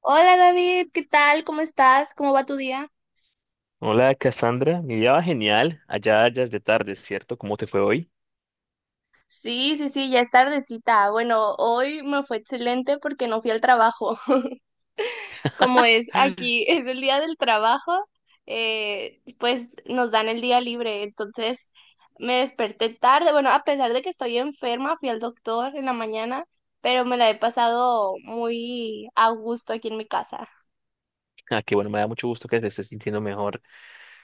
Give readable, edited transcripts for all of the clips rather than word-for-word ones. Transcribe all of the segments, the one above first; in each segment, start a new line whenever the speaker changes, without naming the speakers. Hola David, ¿qué tal? ¿Cómo estás? ¿Cómo va tu día?
Hola Cassandra, mi día va genial, allá ya es de tarde, ¿cierto? ¿Cómo te fue hoy?
Sí, sí, sí, ya es tardecita. Bueno, hoy me fue excelente porque no fui al trabajo. Como es aquí, es el día del trabajo, pues nos dan el día libre. Entonces me desperté tarde. Bueno, a pesar de que estoy enferma, fui al doctor en la mañana, pero me la he pasado muy a gusto aquí en mi casa.
Ah, qué bueno, me da mucho gusto que te estés sintiendo mejor.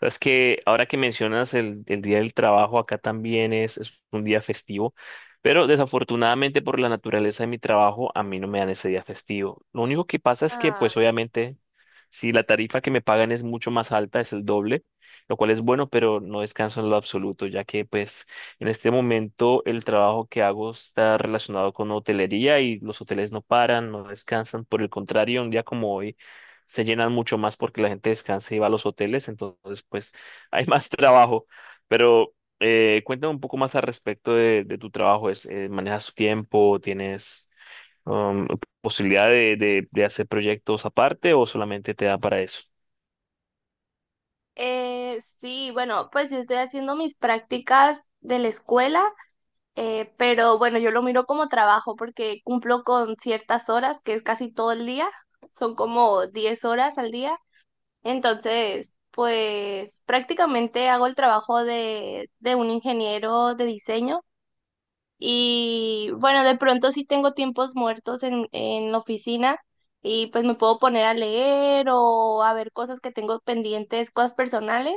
Sabes que ahora que mencionas el día del trabajo, acá también es un día festivo, pero desafortunadamente por la naturaleza de mi trabajo, a mí no me dan ese día festivo. Lo único que pasa es que pues
Ay.
obviamente si la tarifa que me pagan es mucho más alta, es el doble, lo cual es bueno, pero no descanso en lo absoluto, ya que pues en este momento el trabajo que hago está relacionado con hotelería y los hoteles no paran, no descansan. Por el contrario, un día como hoy se llenan mucho más porque la gente descansa y va a los hoteles, entonces pues hay más trabajo. Pero cuéntame un poco más al respecto de tu trabajo, ¿manejas tu tiempo? ¿Tienes um, posibilidad de hacer proyectos aparte o solamente te da para eso?
Sí, bueno, pues yo estoy haciendo mis prácticas de la escuela. Pero bueno, yo lo miro como trabajo porque cumplo con ciertas horas, que es casi todo el día, son como 10 horas al día. Entonces, pues prácticamente hago el trabajo de un ingeniero de diseño y bueno, de pronto sí tengo tiempos muertos en la oficina y pues me puedo poner a leer o a ver cosas que tengo pendientes, cosas personales,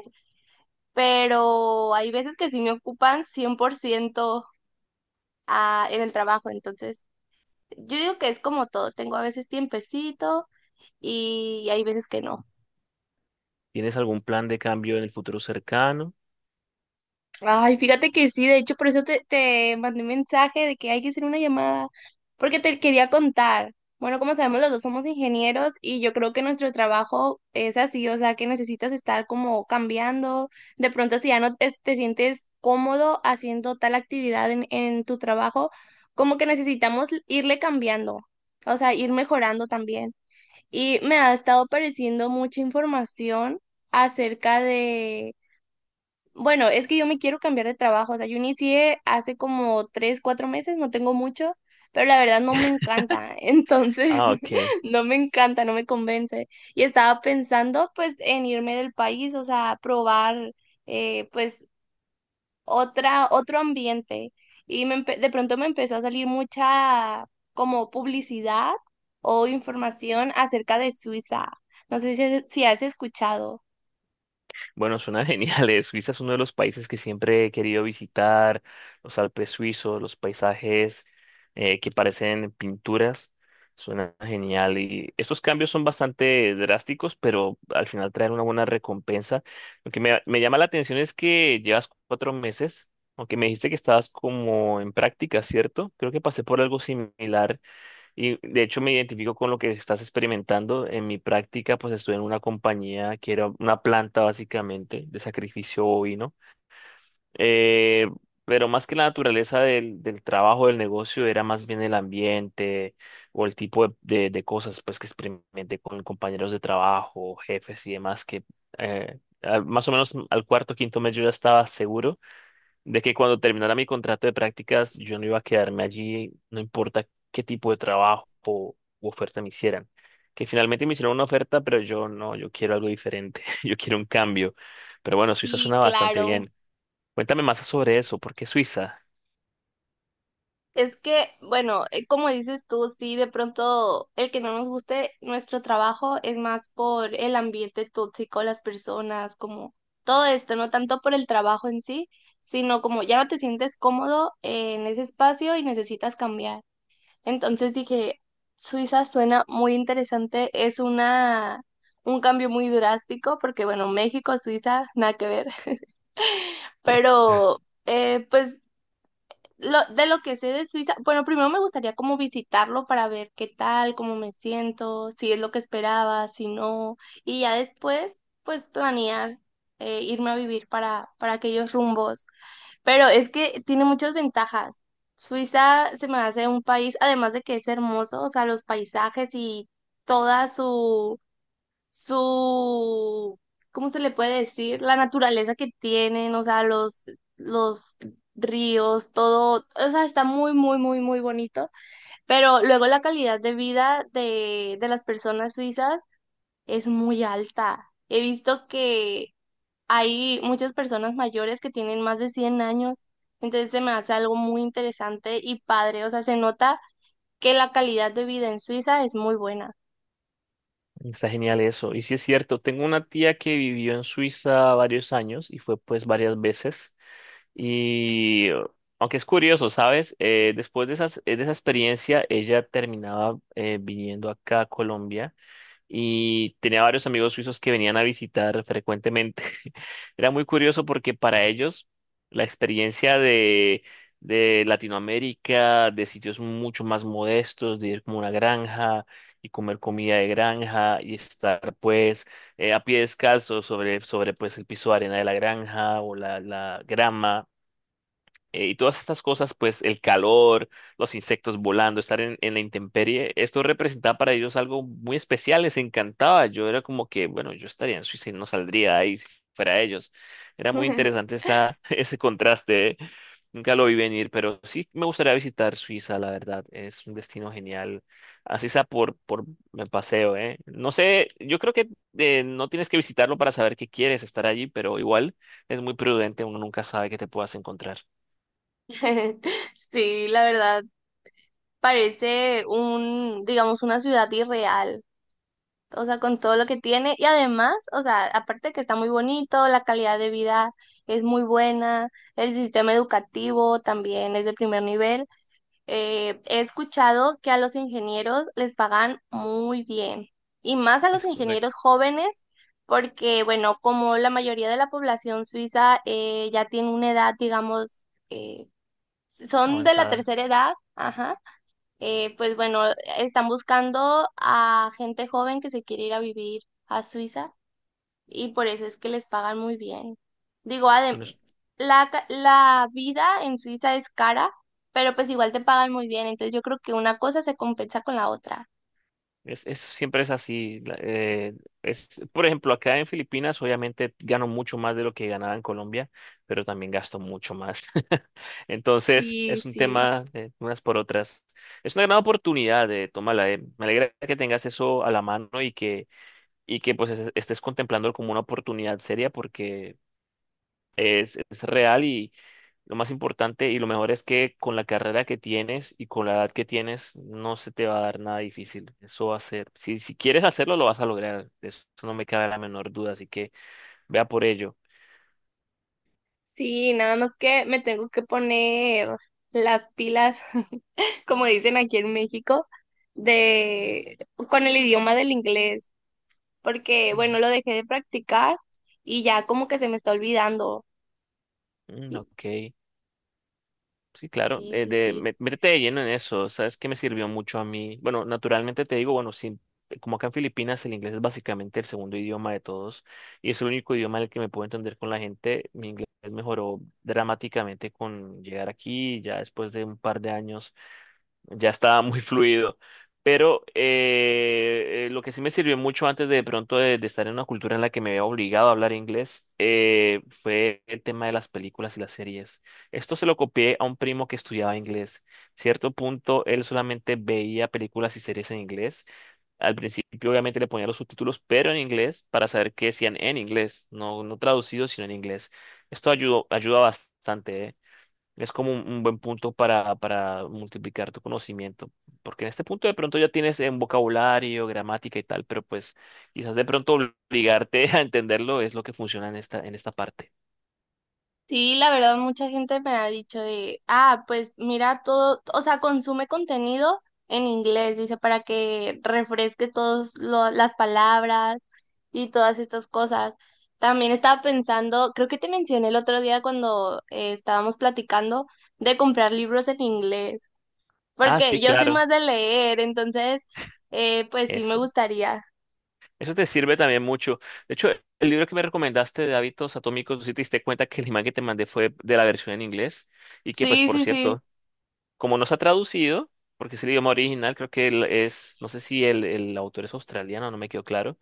pero hay veces que sí me ocupan 100% en el trabajo, entonces... Yo digo que es como todo, tengo a veces tiempecito y hay veces que no.
¿Tienes algún plan de cambio en el futuro cercano?
Ay, fíjate que sí, de hecho, por eso te mandé un mensaje de que hay que hacer una llamada, porque te quería contar. Bueno, como sabemos, los dos somos ingenieros y yo creo que nuestro trabajo es así, o sea, que necesitas estar como cambiando. De pronto, si ya no te sientes cómodo haciendo tal actividad en tu trabajo, como que necesitamos irle cambiando, o sea, ir mejorando también. Y me ha estado apareciendo mucha información acerca de, bueno, es que yo me quiero cambiar de trabajo, o sea, yo inicié hace como 3, 4 meses, no tengo mucho, pero la verdad no me encanta, entonces
Ah, ok.
no me encanta, no me convence. Y estaba pensando pues en irme del país, o sea, probar pues otro ambiente. Y de pronto me empezó a salir mucha como publicidad o información acerca de Suiza. No sé si has escuchado.
Bueno, suena genial. Suiza es uno de los países que siempre he querido visitar, los Alpes suizos, los paisajes que parecen pinturas. Suena genial. Y estos cambios son bastante drásticos, pero al final traen una buena recompensa. Lo que me llama la atención es que llevas 4 meses, aunque me dijiste que estabas como en práctica, ¿cierto? Creo que pasé por algo similar y de hecho me identifico con lo que estás experimentando. En mi práctica, pues estuve en una compañía que era una planta básicamente de sacrificio bovino. Eh, pero más que la naturaleza del trabajo, del negocio, era más bien el ambiente o el tipo de cosas pues que experimenté con compañeros de trabajo, jefes y demás que más o menos al cuarto, quinto mes yo ya estaba seguro de que cuando terminara mi contrato de prácticas yo no iba a quedarme allí, no importa qué tipo de trabajo o u oferta me hicieran. Que finalmente me hicieron una oferta, pero yo no, yo quiero algo diferente, yo quiero un cambio. Pero bueno, Suiza
Sí,
suena bastante
claro.
bien. Cuéntame más sobre eso, ¿por qué Suiza?
Es que, bueno, como dices tú, sí, de pronto el que no nos guste nuestro trabajo es más por el ambiente tóxico, las personas, como todo esto, no tanto por el trabajo en sí, sino como ya no te sientes cómodo en ese espacio y necesitas cambiar. Entonces dije, Suiza suena muy interesante, un cambio muy drástico, porque bueno, México, Suiza, nada que ver, pero pues de lo que sé de Suiza, bueno, primero me gustaría como visitarlo para ver qué tal, cómo me siento, si es lo que esperaba, si no, y ya después, pues planear, irme a vivir para aquellos rumbos. Pero es que tiene muchas ventajas. Suiza se me hace un país, además de que es hermoso, o sea, los paisajes y toda su, ¿cómo se le puede decir? La naturaleza que tienen, o sea, los ríos, todo, o sea, está muy, muy, muy, muy bonito. Pero luego la calidad de vida de las personas suizas es muy alta. He visto que hay muchas personas mayores que tienen más de 100 años, entonces se me hace algo muy interesante y padre, o sea, se nota que la calidad de vida en Suiza es muy buena.
Está genial eso. Y sí es cierto, tengo una tía que vivió en Suiza varios años y fue pues varias veces. Y aunque es curioso, ¿sabes? Después de de esa experiencia, ella terminaba viniendo acá a Colombia y tenía varios amigos suizos que venían a visitar frecuentemente. Era muy curioso porque para ellos la experiencia de Latinoamérica, de sitios mucho más modestos, de ir como a una granja y comer comida de granja y estar pues a pie descalzo sobre pues el piso de arena de la granja o la grama y todas estas cosas, pues el calor, los insectos volando, estar en la intemperie, esto representaba para ellos algo muy especial, les encantaba. Yo era como que, bueno, yo estaría en Suiza y no saldría de ahí si fuera ellos. Era muy interesante esa, ese contraste, ¿eh? Nunca lo vi venir, pero sí me gustaría visitar Suiza, la verdad. Es un destino genial. Así sea por me paseo, ¿eh? No sé, yo creo que no tienes que visitarlo para saber que quieres estar allí, pero igual es muy prudente, uno nunca sabe qué te puedas encontrar.
Sí, la verdad, parece un, digamos, una ciudad irreal, o sea, con todo lo que tiene y además, o sea, aparte de que está muy bonito, la calidad de vida es muy buena, el sistema educativo también es de primer nivel. He escuchado que a los ingenieros les pagan muy bien y más a los
Es correcto,
ingenieros jóvenes porque, bueno, como la mayoría de la población suiza ya tiene una edad, digamos, son de la
avanzada.
tercera edad, ajá, pues bueno, están buscando a gente joven que se quiere ir a vivir a Suiza y por eso es que les pagan muy bien. Digo, adem
Bueno, es,
La, la vida en Suiza es cara, pero pues igual te pagan muy bien, entonces yo creo que una cosa se compensa con la otra.
siempre es así. Es, por ejemplo, acá en Filipinas, obviamente gano mucho más de lo que ganaba en Colombia, pero también gasto mucho más. Entonces,
Sí,
es un
sí,
tema de unas por otras. Es una gran oportunidad, de tómala. Eh, me alegra que tengas eso a la mano y que pues estés contemplando como una oportunidad seria porque es real. Lo más importante y lo mejor es que con la carrera que tienes y con la edad que tienes, no se te va a dar nada difícil. Eso va a ser. Si quieres hacerlo, lo vas a lograr. De eso no me cabe la menor duda. Así que vea por ello.
sí, nada más que me tengo que poner las pilas, como dicen aquí en México, de con el idioma del inglés, porque
Ujú.
bueno, lo dejé de practicar y ya como que se me está olvidando.
Mm,
Y-
ok. Sí, claro,
Sí, sí, sí.
métete de lleno en eso, ¿sabes qué me sirvió mucho a mí? Bueno, naturalmente te digo, bueno, sí, como acá en Filipinas el inglés es básicamente el segundo idioma de todos y es el único idioma en el que me puedo entender con la gente, mi inglés mejoró dramáticamente con llegar aquí, ya después de un par de años ya estaba muy fluido. Pero lo que sí me sirvió mucho antes de estar en una cultura en la que me había obligado a hablar inglés fue el tema de las películas y las series. Esto se lo copié a un primo que estudiaba inglés. Cierto punto, él solamente veía películas y series en inglés. Al principio, obviamente, le ponía los subtítulos, pero en inglés, para saber qué decían en inglés, no, no traducido, sino en inglés. Esto ayudó, ayuda bastante, ¿eh? Es como un buen punto para multiplicar tu conocimiento, porque en este punto de pronto ya tienes en vocabulario, gramática y tal, pero pues quizás de pronto obligarte a entenderlo es lo que funciona en esta parte.
Sí, la verdad, mucha gente me ha dicho de, ah, pues mira todo, o sea, consume contenido en inglés, dice, para que refresque todas las palabras y todas estas cosas. También estaba pensando, creo que te mencioné el otro día cuando estábamos platicando de comprar libros en inglés,
Ah,
porque
sí,
yo soy
claro,
más de leer, entonces, pues sí me
eso.
gustaría.
Eso te sirve también mucho. De hecho, el libro que me recomendaste de hábitos atómicos, si te diste cuenta que el imán que te mandé fue de la versión en inglés y que pues
Sí,
por
sí, sí.
cierto, como no se ha traducido, porque es el idioma original, creo que él es, no sé si el autor es australiano, no me quedó claro,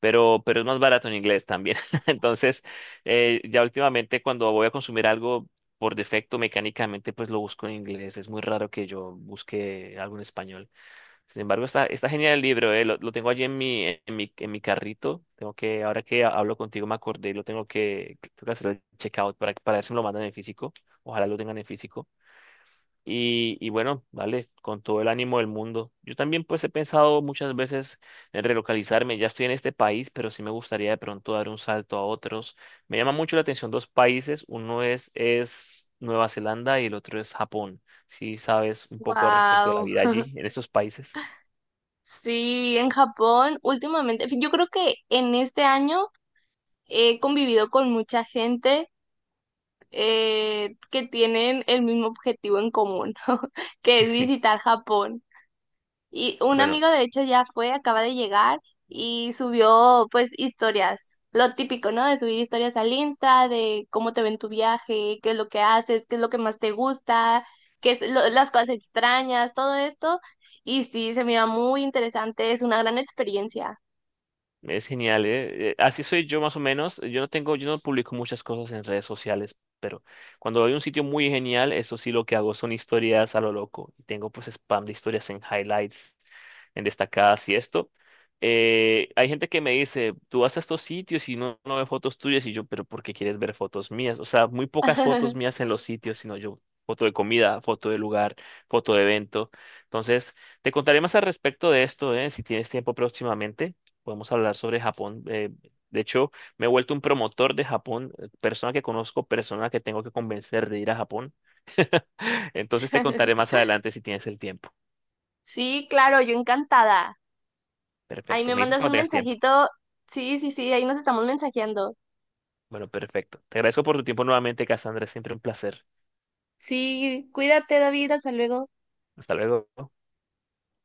pero es más barato en inglés también. Entonces, ya últimamente cuando voy a consumir algo por defecto mecánicamente, pues lo busco en inglés. Es muy raro que yo busque algo en español. Sin embargo, está genial el libro. Lo tengo allí en mi, en mi carrito. Tengo que, ahora que hablo contigo me acordé, lo tengo que hacer el checkout para ver si me lo mandan en físico. Ojalá lo tengan en físico. Y bueno, vale, con todo el ánimo del mundo. Yo también pues he pensado muchas veces en relocalizarme. Ya estoy en este país, pero sí me gustaría de pronto dar un salto a otros. Me llama mucho la atención dos países. Uno es Nueva Zelanda y el otro es Japón. Si sabes un poco al respecto de la
Wow.
vida allí, en estos países.
Sí, en Japón últimamente, yo creo que en este año he convivido con mucha gente que tienen el mismo objetivo en común, que es visitar Japón. Y un
Bueno,
amigo de hecho ya fue, acaba de llegar y subió pues historias, lo típico, ¿no? De subir historias al Insta, de cómo te ven tu viaje, qué es lo que haces, qué es lo que más te gusta, las cosas extrañas, todo esto. Y sí, se mira muy interesante, es una gran experiencia.
es genial, ¿eh? Así soy yo más o menos. Yo no tengo, yo no publico muchas cosas en redes sociales, pero cuando hay un sitio muy genial, eso sí lo que hago son historias a lo loco. Y tengo pues spam de historias en highlights, en destacadas y esto. Hay gente que me dice, tú vas a estos sitios y no, no ve fotos tuyas y yo, pero ¿por qué quieres ver fotos mías? O sea, muy pocas fotos mías en los sitios, sino yo, foto de comida, foto de lugar, foto de evento. Entonces, te contaré más al respecto de esto, ¿eh? Si tienes tiempo próximamente podemos hablar sobre Japón. De hecho, me he vuelto un promotor de Japón. Persona que conozco, persona que tengo que convencer de ir a Japón. Entonces te contaré más adelante si tienes el tiempo.
Sí, claro, yo encantada. Ahí
Perfecto.
me
Me dices
mandas
cuando
un
tengas tiempo.
mensajito. Sí, sí, sí, ahí nos estamos mensajeando.
Bueno, perfecto. Te agradezco por tu tiempo nuevamente, Cassandra. Es siempre un placer.
Sí, cuídate, David, hasta luego.
Hasta luego.